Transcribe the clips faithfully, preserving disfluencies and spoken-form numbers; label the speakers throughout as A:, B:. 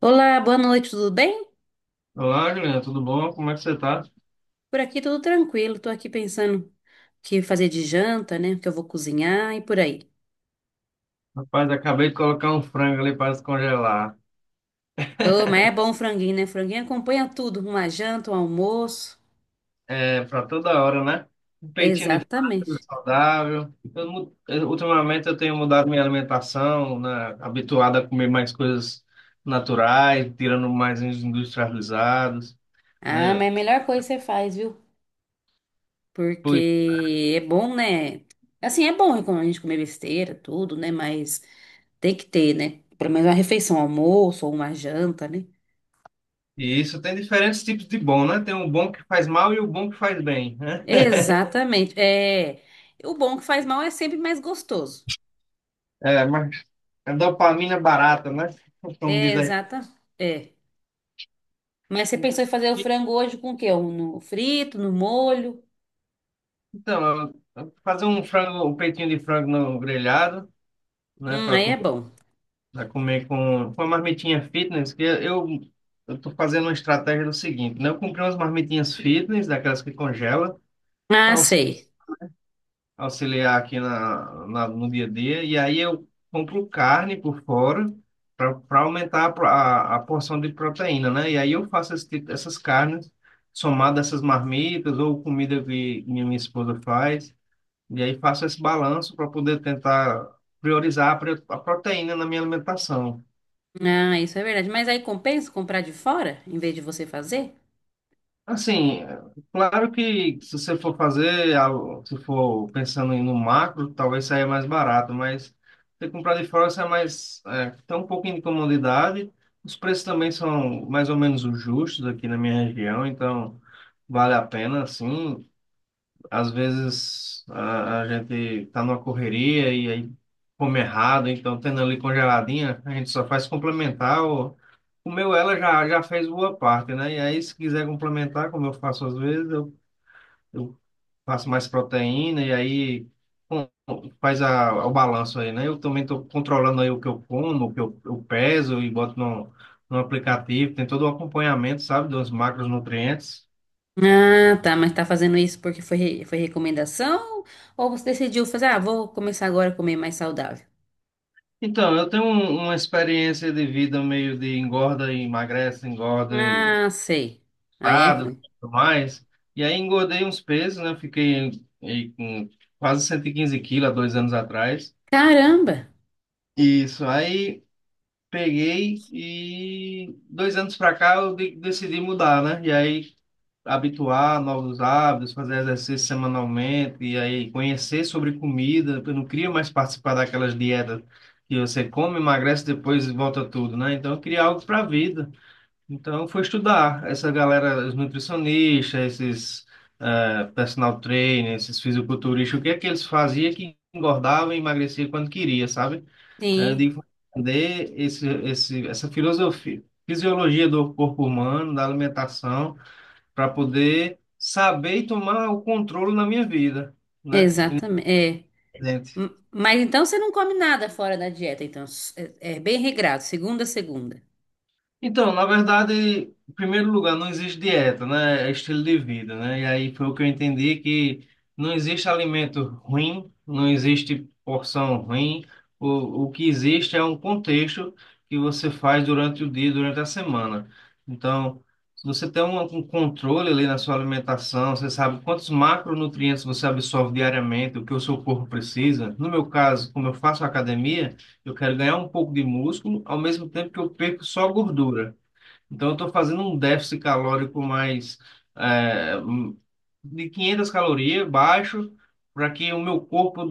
A: Olá, boa noite, tudo bem?
B: Olá, Juliana, tudo bom? Como é que você tá?
A: Por aqui tudo tranquilo, tô aqui pensando o que fazer de janta, né? O que eu vou cozinhar e por aí.
B: Rapaz, acabei de colocar um frango ali para descongelar.
A: Oh, mas é bom o franguinho, né? Franguinho acompanha tudo, uma janta, um almoço.
B: É, para toda hora, né? Um peitinho de frango
A: Exatamente.
B: saudável. Eu mu- eu- ultimamente eu tenho mudado minha alimentação, né? Habituado a comer mais coisas naturais, tirando mais os industrializados,
A: Ah, mas
B: né?
A: é a melhor coisa que você faz, viu?
B: Pois,
A: Porque é bom, né? Assim, é bom quando a gente comer besteira, tudo, né? Mas tem que ter, né? Pelo menos uma refeição, um almoço ou uma janta, né?
B: e isso tem diferentes tipos de bom, né? Tem o bom que faz mal e o bom que faz bem, né?
A: Exatamente. É, o bom que faz mal é sempre mais gostoso.
B: É, mas é dopamina barata, né? Como
A: É,
B: diz
A: exata. É. Mas você pensou em fazer o
B: aí.
A: frango hoje com o quê? Um No frito, no molho?
B: Então, eu- eu fazer um frango, um peitinho de frango no grelhado, né,
A: Hum,
B: para
A: aí é bom.
B: comer com, com uma marmitinha fitness, que eu eu tô fazendo uma estratégia do seguinte, né? Eu comprei umas marmitinhas fitness, daquelas que congela,
A: Ah,
B: para
A: sei.
B: auxiliar aqui na, na- no dia a dia, e aí eu compro carne por fora para aumentar a, pro- a, a porção de proteína, né? E aí eu faço esse tipo- essas carnes somadas a essas marmitas ou comida que minha, minha esposa faz. E aí faço esse balanço para poder tentar priorizar a pre- a proteína na minha alimentação.
A: Ah, isso é verdade. Mas aí compensa comprar de fora, em vez de você fazer?
B: Assim, é, claro que se você for fazer, algo- se for pensando em no macro, talvez saia mais barato, mas se comprar de fora, sai mais, é, tem um pouquinho de comodidade. Os preços também são mais ou menos os justos aqui na minha região, então vale a pena, assim. Às vezes a, a gente tá numa correria e aí come errado, então tendo ali congeladinha, a gente só faz complementar. Ou, comeu ela já, já fez boa parte, né? E aí, se quiser complementar, como eu faço às vezes, eu, eu faço mais proteína e aí com- faz a, o balanço aí, né? Eu também estou controlando aí o que eu como, o que eu, eu peso e boto no, no aplicativo, tem todo o acompanhamento, sabe, dos macronutrientes.
A: Ah, tá. Mas tá fazendo isso porque foi, re- foi recomendação? Ou você decidiu fazer, ah, vou começar agora a comer mais saudável?
B: Então, eu tenho um- uma experiência de vida meio de engorda e emagrece, engorda,
A: Ah, sei. Aí é
B: estado,
A: ruim.
B: tudo mais. E aí engordei uns pesos, né? Fiquei aí com quase cento e quinze quilos há dois anos atrás.
A: Caramba!
B: Isso, aí peguei e dois anos pra cá eu de- decidi mudar, né? E aí habituar a novos hábitos, fazer exercício semanalmente e aí conhecer sobre comida. Eu não queria mais participar daquelas dietas que você come, emagrece, depois volta tudo, né? Então eu queria algo para a vida. Então eu fui estudar essa galera, os nutricionistas, esses eh, personal trainers, esses fisiculturistas, o que é que eles faziam que engordava e emagrecia quando queria, sabe? Aí eu
A: Sim,
B: digo, vou entender esse, esse, essa filosofia, fisiologia do corpo humano, da alimentação para poder saber e tomar o controle na minha vida, né,
A: exatamente. É.
B: gente?
A: M- Mas então você não come nada fora da dieta, então. S- É, é bem regrado, segunda a segunda.
B: Então, na verdade, em primeiro lugar, não existe dieta, né? É estilo de vida, né? E aí foi o que eu entendi que não existe alimento ruim, não existe porção ruim. O, o que existe é um contexto que você faz durante o dia, durante a semana. Então, se você tem um, um controle ali na sua alimentação, você sabe quantos macronutrientes você absorve diariamente, o que o seu corpo precisa. No meu caso, como eu faço academia, eu quero ganhar um pouco de músculo, ao mesmo tempo que eu perco só gordura. Então, eu estou fazendo um déficit calórico mais é, hum, de quinhentas calorias, baixo, para que o meu corpo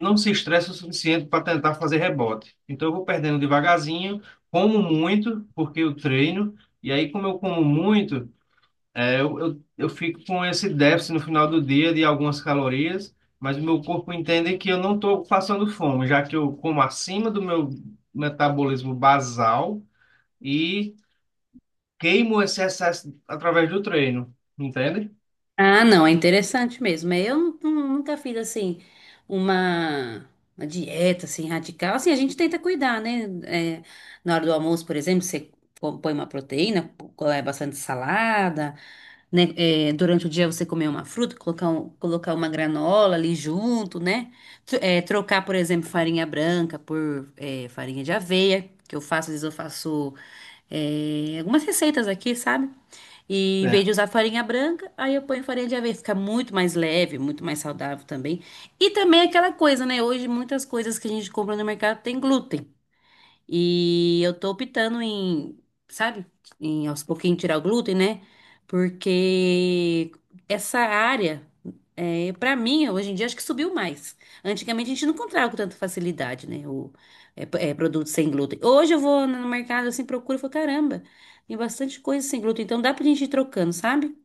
B: não se estresse o suficiente para tentar fazer rebote. Então, eu vou perdendo devagarzinho, como muito, porque eu treino, e aí, como eu como muito. É, eu, eu, eu fico com esse déficit no final do dia de algumas calorias, mas o meu corpo entende que eu não estou passando fome, já que eu como acima do meu metabolismo basal e queimo esse excesso através do treino, entende?
A: Ah, não, é interessante mesmo. É, eu nu- nu- nunca fiz assim uma, uma dieta assim radical. Assim, a gente tenta cuidar, né? É, na hora do almoço, por exemplo, você co- põe uma proteína, co- é bastante salada, né? É, durante o dia você comer uma fruta, colocar, um- colocar uma granola ali junto, né? Tro- é, trocar, por exemplo, farinha branca por, é, farinha de aveia, que eu faço, às vezes eu faço, é, algumas receitas aqui, sabe? E em
B: É,
A: vez de usar farinha branca, aí eu ponho farinha de aveia, fica muito mais leve, muito mais saudável também. E também é aquela coisa, né? Hoje muitas coisas que a gente compra no mercado tem glúten. E eu tô optando em, sabe, em aos pouquinhos tirar o glúten, né? Porque essa área, é, para mim, hoje em dia, acho que subiu mais. Antigamente a gente não encontrava com tanta facilidade, né? O, é, p- é, produto sem glúten. Hoje eu vou no mercado assim, procuro e falo, caramba, tem bastante coisa sem glúten, então dá pra gente ir trocando, sabe?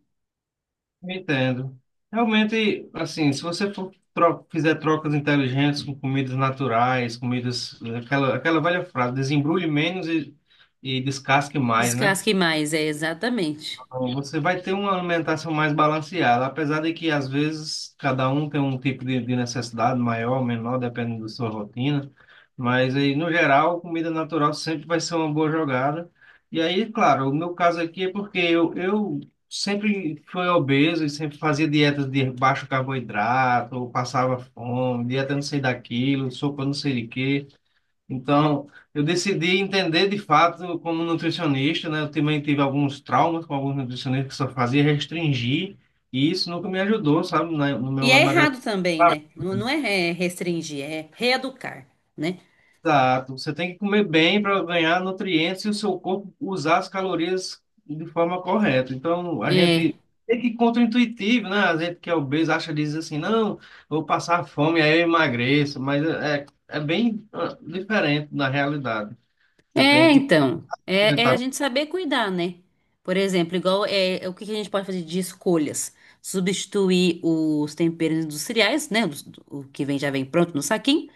B: entendo. Realmente, assim, se você for, tro fizer trocas inteligentes com comidas naturais, comidas, aquela, aquela velha frase, desembrulhe menos e, e descasque mais, né?
A: Descasque mais, é, exatamente.
B: Você vai ter uma alimentação mais balanceada, apesar de que às vezes cada um tem um tipo de, de necessidade maior, menor, dependendo da sua rotina. Mas aí, no geral, comida natural sempre vai ser uma boa jogada. E aí, claro, o meu caso aqui é porque eu, eu sempre fui obeso e sempre fazia dietas de baixo carboidrato, ou passava fome, dieta não sei daquilo, sopa não sei de quê. Então, eu decidi entender de fato como nutricionista, né? Eu também tive alguns traumas com alguns nutricionistas que só fazia restringir, e isso nunca me ajudou, sabe, na- no
A: E
B: meu
A: é
B: emagrecimento.
A: errado também, né? Não, não é é, restringir, é reeducar, né?
B: Exato. Você tem que comer bem para ganhar nutrientes e o seu corpo usar as calorias de forma correta. Então, a gente é que contraintuitivo, né? A gente que é obeso acha, diz assim, não, vou passar fome, aí eu emagreço, mas é, é bem ah, diferente na realidade. Você tem
A: É,
B: que
A: então, é, é, a gente saber cuidar, né? Por exemplo, igual é, é, o que que a gente pode fazer de escolhas? Substituir os temperos industriais, né? Os- O que vem, já vem pronto no saquinho,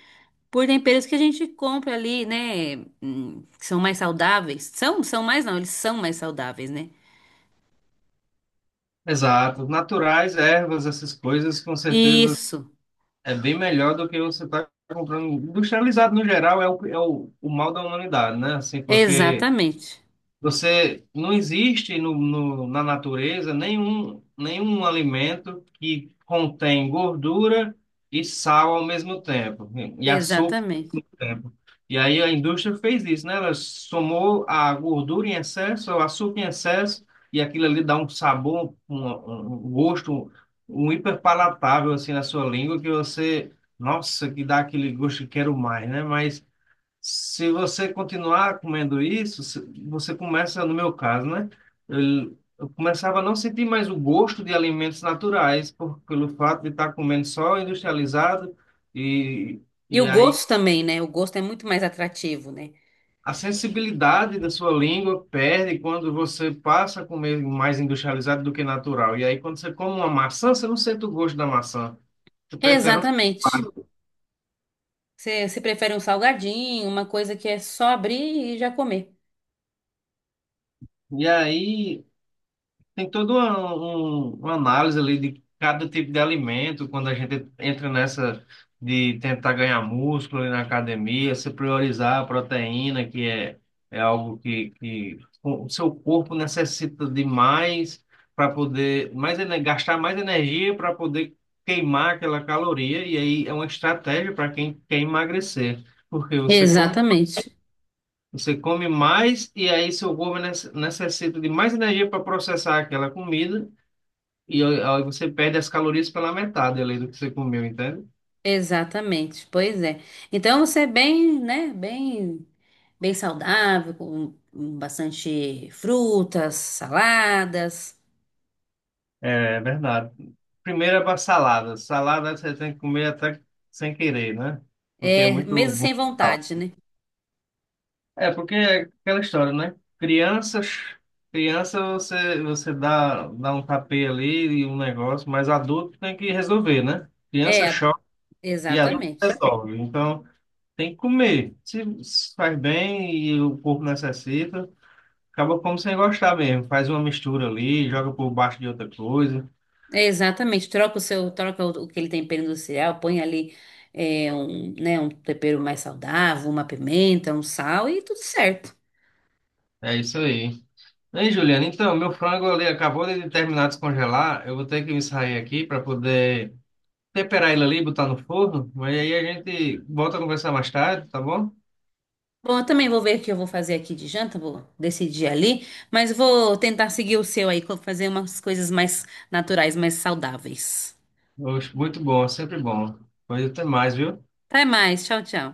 A: por temperos que a gente compra ali, né? Hum, que são mais saudáveis. São, são mais, não, eles são mais saudáveis, né?
B: exato. Naturais, ervas, essas coisas, com certeza
A: Isso,
B: é bem melhor do que você está comprando. Industrializado, no geral, é o, é o, o mal da humanidade, né? Assim, porque
A: exatamente,
B: você não existe no, no, na natureza nenhum, nenhum alimento que contém gordura e sal ao mesmo tempo, e açúcar
A: exatamente.
B: tempo. E aí a indústria fez isso, né? Ela somou a gordura em excesso, o açúcar em excesso, e aquilo ali dá um sabor, um, um um gosto, um hiperpalatável assim na sua língua que você, nossa, que dá aquele gosto que quero mais, né? Mas se você continuar comendo isso, se- você começa, no meu caso, né? Eu, eu começava a não sentir mais o gosto de alimentos naturais por, pelo fato de estar comendo só industrializado e
A: E
B: e
A: o
B: aí
A: gosto também, né? O gosto é muito mais atrativo, né?
B: a sensibilidade da sua língua perde quando você passa a comer mais industrializado do que natural. E aí, quando você come uma maçã, você não sente o gosto da maçã. Você prefere um
A: Exatamente.
B: chocado.
A: Você, você prefere um salgadinho, uma coisa que é só abrir e já comer.
B: E aí, tem toda uma, um- uma análise ali de cada tipo de alimento, quando a gente entra nessa de tentar ganhar músculo ali na academia, se priorizar a proteína, que é, é algo que, que o seu corpo necessita de mais para poder mais, ene- gastar mais energia para poder queimar aquela caloria, e aí é uma estratégia para quem quer emagrecer, porque você come
A: Exatamente.
B: você come mais e aí seu corpo nece- necessita de mais energia para processar aquela comida e aí você perde as calorias pela metade ali do que você comeu, entende?
A: Exatamente. Pois é. Então você é bem, né, bem, bem saudável, com com bastante frutas, saladas,
B: É verdade. Primeiro é para salada. Salada você tem que comer até sem querer, né? Porque é
A: é,
B: muito
A: mesmo
B: bom.
A: sem vontade, né?
B: É porque é aquela história, né? Crianças, criança você você dá dá um tapê ali e um negócio, mas adulto tem que resolver, né? Criança
A: É,
B: chora e adulto
A: exatamente.
B: resolve. Então tem que comer. Se se faz bem e o corpo necessita. Acaba como sem gostar mesmo. Faz uma mistura ali, joga por baixo de outra coisa.
A: É, exatamente. Troca o seu, troca o, aquele tempero industrial, põe ali, é, um, né, um tempero mais saudável, uma pimenta, um sal e tudo certo.
B: É isso aí. Ei, Juliana, então, meu frango ali acabou de terminar de descongelar. Eu vou ter que me sair aqui para poder temperar ele ali, e botar no forno. Mas aí a gente volta a conversar mais tarde, tá bom?
A: Bom, eu também vou ver o que eu vou fazer aqui de janta, vou decidir ali, mas vou tentar seguir o seu aí, co- fazer umas coisas mais naturais, mais saudáveis.
B: Oxe, muito bom, sempre bom. Pois até mais, viu?
A: Até mais, tchau, tchau.